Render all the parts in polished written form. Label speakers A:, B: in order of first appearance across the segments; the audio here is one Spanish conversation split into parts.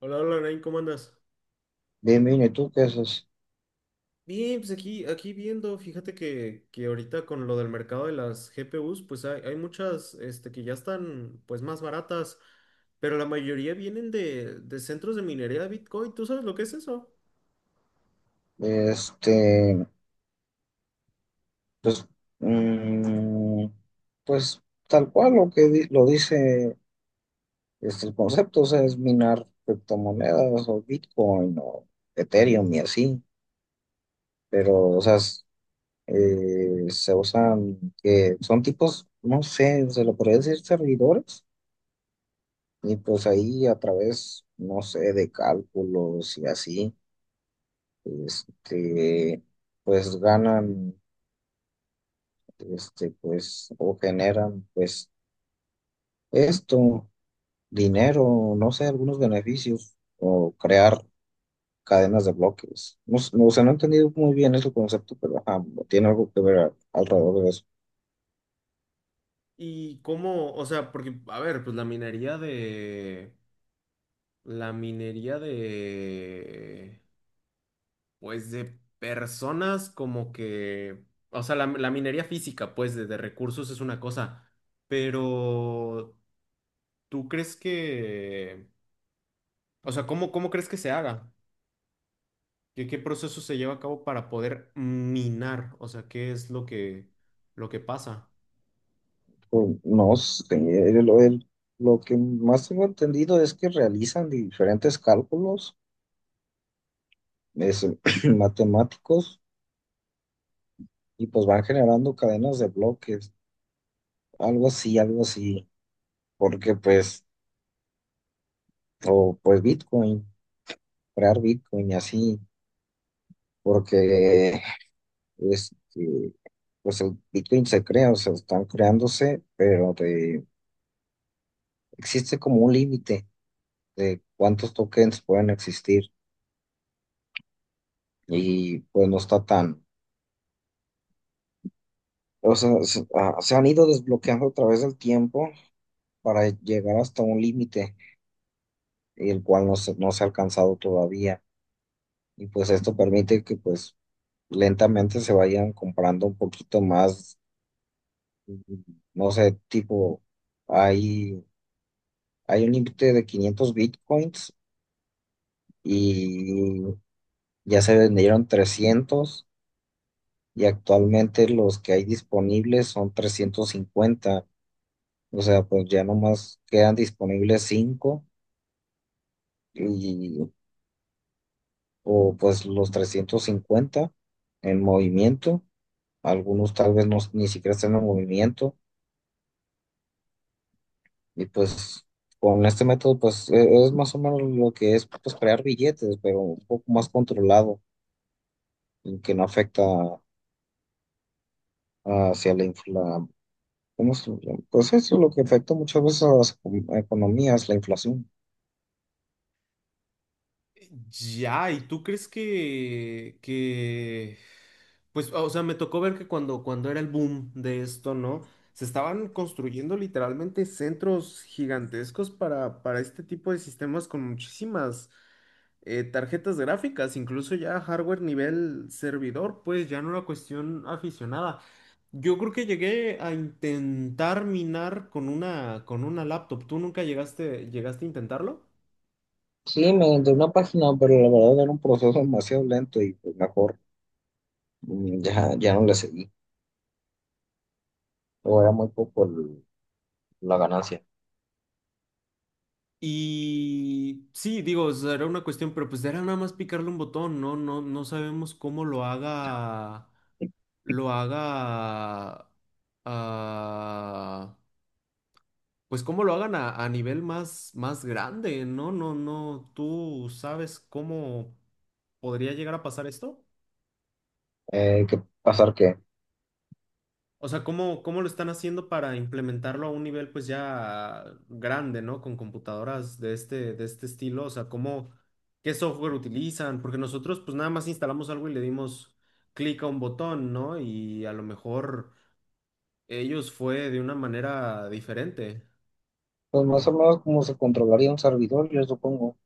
A: Hola, hola, Nain, ¿cómo andas?
B: Bien, bien, ¿y tú qué haces?
A: Bien, pues aquí viendo, fíjate que ahorita con lo del mercado de las GPUs, pues hay muchas que ya están pues más baratas, pero la mayoría vienen de centros de minería de Bitcoin. ¿Tú sabes lo que es eso?
B: Este, pues, mm, pues tal cual lo que lo dice el concepto, o sea, es minar criptomonedas o Bitcoin o Ethereum y así, pero, o sea, se usan, que son tipos, no sé, se lo podría decir servidores, y pues ahí a través, no sé, de cálculos y así, este, pues ganan. Pues, o generan, pues, esto, dinero, no sé, algunos beneficios, o crear cadenas de bloques. No, no, o sea, no he entendido muy bien ese concepto, pero ajá, tiene algo que ver alrededor de eso.
A: Y cómo, o sea, porque, a ver, pues la minería de, pues de personas como que, o sea, la minería física, pues de recursos es una cosa. Pero ¿tú crees que, o sea, cómo, cómo crees que se haga? ¿Qué, qué proceso se lleva a cabo para poder minar? O sea, ¿qué es lo que pasa?
B: Pues, no sé, lo que más tengo entendido es que realizan diferentes cálculos es, matemáticos y pues van generando cadenas de bloques, algo así, porque pues, o pues Bitcoin. Comprar Bitcoin y así, porque este, pues el Bitcoin se crea, o sea, están creándose, pero existe como un límite de cuántos tokens pueden existir y pues no está tan, o sea, se han ido desbloqueando a través del tiempo para llegar hasta un límite, el cual no se ha alcanzado todavía. Y pues esto permite que pues lentamente se vayan comprando un poquito más, mm, no sé, tipo. Hay Hay un límite de 500 bitcoins y ya se vendieron 300, y actualmente los que hay disponibles son 350. O sea, pues ya nomás quedan disponibles cinco, y o pues los 350 en movimiento. Algunos tal vez no, ni siquiera están en movimiento, y pues con este método pues es más o menos lo que es pues crear billetes, pero un poco más controlado y que no afecta hacia la infla, ¿cómo se llama? Pues eso es lo que afecta muchas veces a las economías, la inflación.
A: Ya, ¿y tú crees pues, o sea, me tocó ver que cuando era el boom de esto, ¿no? Se estaban construyendo literalmente centros gigantescos para este tipo de sistemas con muchísimas tarjetas gráficas, incluso ya hardware nivel servidor, pues ya no era cuestión aficionada. Yo creo que llegué a intentar minar con una laptop. ¿Tú nunca llegaste a intentarlo?
B: Sí, me de una página, pero la verdad era un proceso demasiado lento y pues mejor, ya, ya no le seguí. O era muy poco la ganancia.
A: Y sí, digo, será una cuestión, pero pues era nada más picarle un botón, ¿no? No, no sabemos cómo lo haga, ah, pues cómo lo hagan a nivel más, más grande, ¿no? No, no, ¿tú sabes cómo podría llegar a pasar esto?
B: ¿Qué pasar qué?
A: O sea, ¿cómo, cómo lo están haciendo para implementarlo a un nivel pues ya grande, ¿no? Con computadoras de este estilo. O sea, ¿cómo, qué software utilizan? Porque nosotros pues nada más instalamos algo y le dimos clic a un botón, ¿no? Y a lo mejor ellos fue de una manera diferente.
B: Pues más o menos como se controlaría un servidor, yo supongo.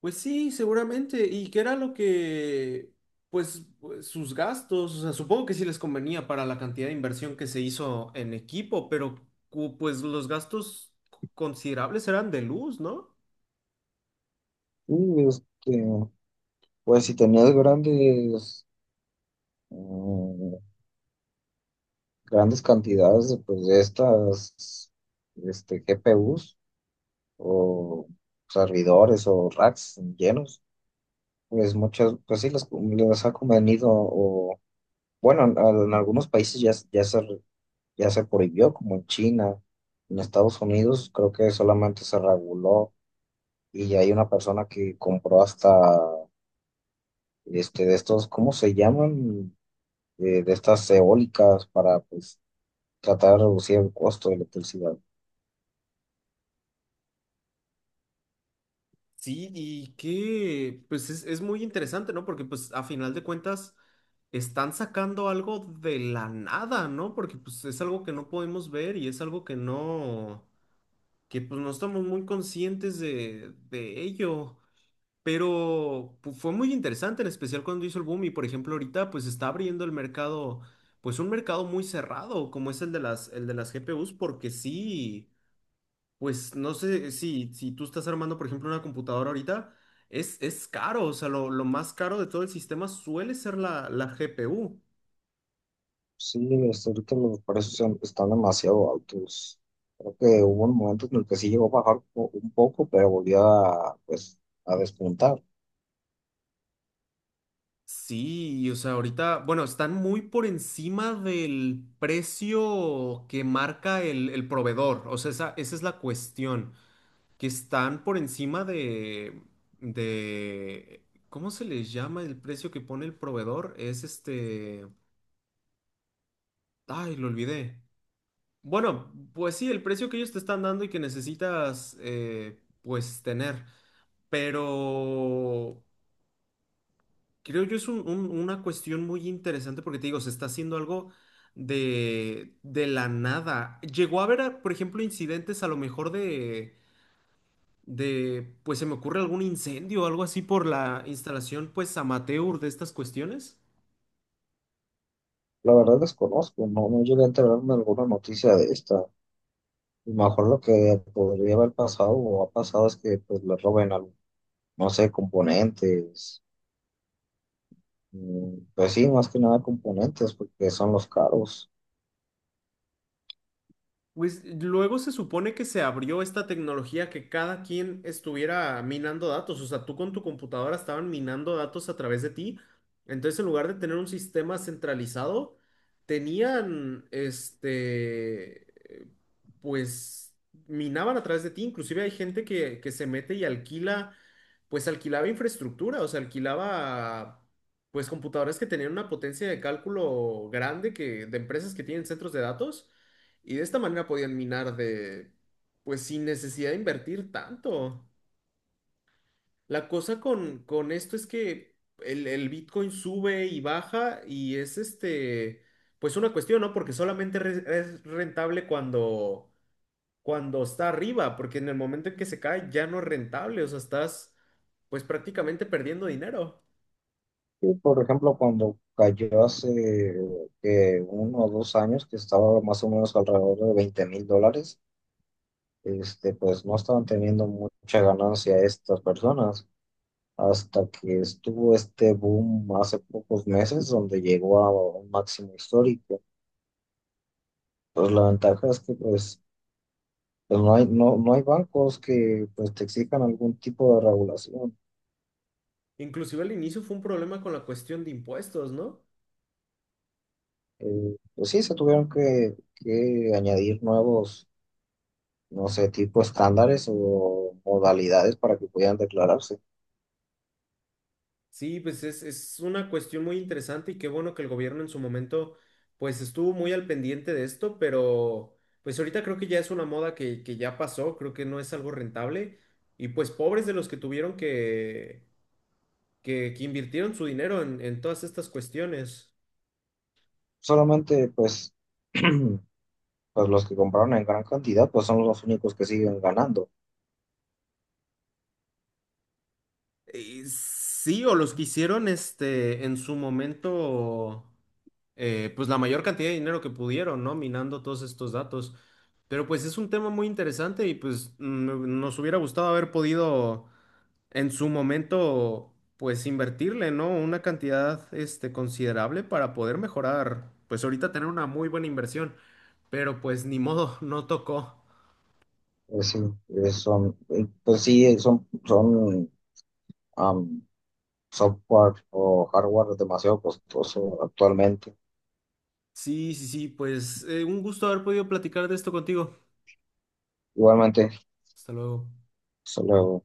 A: Pues sí, seguramente. ¿Y qué era lo que, sus gastos? O sea, supongo que sí les convenía para la cantidad de inversión que se hizo en equipo, pero pues los gastos considerables eran de luz, ¿no?
B: Y pues si tenías grandes, mm, grandes cantidades de, pues, de estas GPUs o servidores o racks llenos. Pues muchas, pues sí, les ha convenido, o bueno, en algunos países ya, ya se prohibió, como en China. En Estados Unidos creo que solamente se reguló, y hay una persona que compró hasta de estos, ¿cómo se llaman? De estas eólicas, para pues tratar de reducir el costo de electricidad.
A: Sí, y que, pues es muy interesante, ¿no? Porque pues a final de cuentas están sacando algo de la nada, ¿no? Porque pues es algo que no podemos ver y es algo que no, que pues no estamos muy conscientes de ello. Pero fue muy interesante, en especial cuando hizo el boom y por ejemplo ahorita pues está abriendo el mercado, pues un mercado muy cerrado como es el de las GPUs, porque sí, pues no sé si tú estás armando por ejemplo una computadora ahorita, es caro, o sea, lo más caro de todo el sistema suele ser la GPU.
B: Sí, ahorita los precios están demasiado altos. Creo que hubo un momento en el que sí llegó a bajar un poco, pero volvió a, pues, a despuntar.
A: Sí, o sea, ahorita, bueno, están muy por encima del precio que marca el proveedor, o sea, esa es la cuestión. Que están por encima de ¿cómo se les llama el precio que pone el proveedor? Es este, ay, lo olvidé. Bueno, pues sí, el precio que ellos te están dando y que necesitas, pues, tener. Pero creo yo es una cuestión muy interesante porque te digo, se está haciendo algo de la nada. Llegó a haber, por ejemplo, incidentes a lo mejor pues se me ocurre algún incendio o algo así por la instalación, pues amateur de estas cuestiones.
B: La verdad desconozco, no llegué a enterarme de alguna noticia de esta. Y mejor lo que podría haber pasado o ha pasado es que pues le roben algo, no sé, componentes. Mm, pues sí, más que nada componentes, porque son los caros.
A: Pues luego se supone que se abrió esta tecnología que cada quien estuviera minando datos, o sea, tú con tu computadora estaban minando datos a través de ti. Entonces, en lugar de tener un sistema centralizado, tenían, eh, pues minaban a través de ti. Inclusive hay gente que se mete y alquila, pues alquilaba infraestructura, o sea, alquilaba, pues computadoras que tenían una potencia de cálculo grande que, de empresas que tienen centros de datos y de esta manera podían minar de, pues sin necesidad de invertir tanto. La cosa con esto es que el Bitcoin sube y baja y es este, pues una cuestión, ¿no? Porque solamente es rentable cuando está arriba, porque en el momento en que se cae ya no es rentable, o sea, estás pues prácticamente perdiendo dinero.
B: Sí, por ejemplo, cuando cayó hace uno o dos años, que estaba más o menos alrededor de $20,000, pues no estaban teniendo mucha ganancia estas personas, hasta que estuvo este boom hace pocos meses, donde llegó a un máximo histórico. Pues la ventaja es que pues, pues no hay, no hay bancos que pues te exijan algún tipo de regulación.
A: Inclusive al inicio fue un problema con la cuestión de impuestos, ¿no?
B: Pues sí, se tuvieron que, añadir nuevos, no sé, tipo estándares o modalidades para que pudieran declararse.
A: Sí, pues es una cuestión muy interesante y qué bueno que el gobierno en su momento pues estuvo muy al pendiente de esto, pero pues ahorita creo que ya es una moda que ya pasó, creo que no es algo rentable y pues pobres de los que tuvieron que invirtieron su dinero en todas estas cuestiones.
B: Solamente, pues, pues los que compraron en gran cantidad, pues son los únicos que siguen ganando.
A: Sí, o los que hicieron este en su momento. Pues la mayor cantidad de dinero que pudieron, ¿no? Minando todos estos datos. Pero pues es un tema muy interesante y pues nos hubiera gustado haber podido en su momento pues invertirle, ¿no? Una cantidad este considerable para poder mejorar, pues ahorita tener una muy buena inversión, pero pues ni modo, no tocó.
B: Es decir, son, pues sí, son am, software o hardware demasiado costoso actualmente.
A: Sí, sí, sí, pues un gusto haber podido platicar de esto contigo.
B: Igualmente,
A: Hasta luego.
B: solo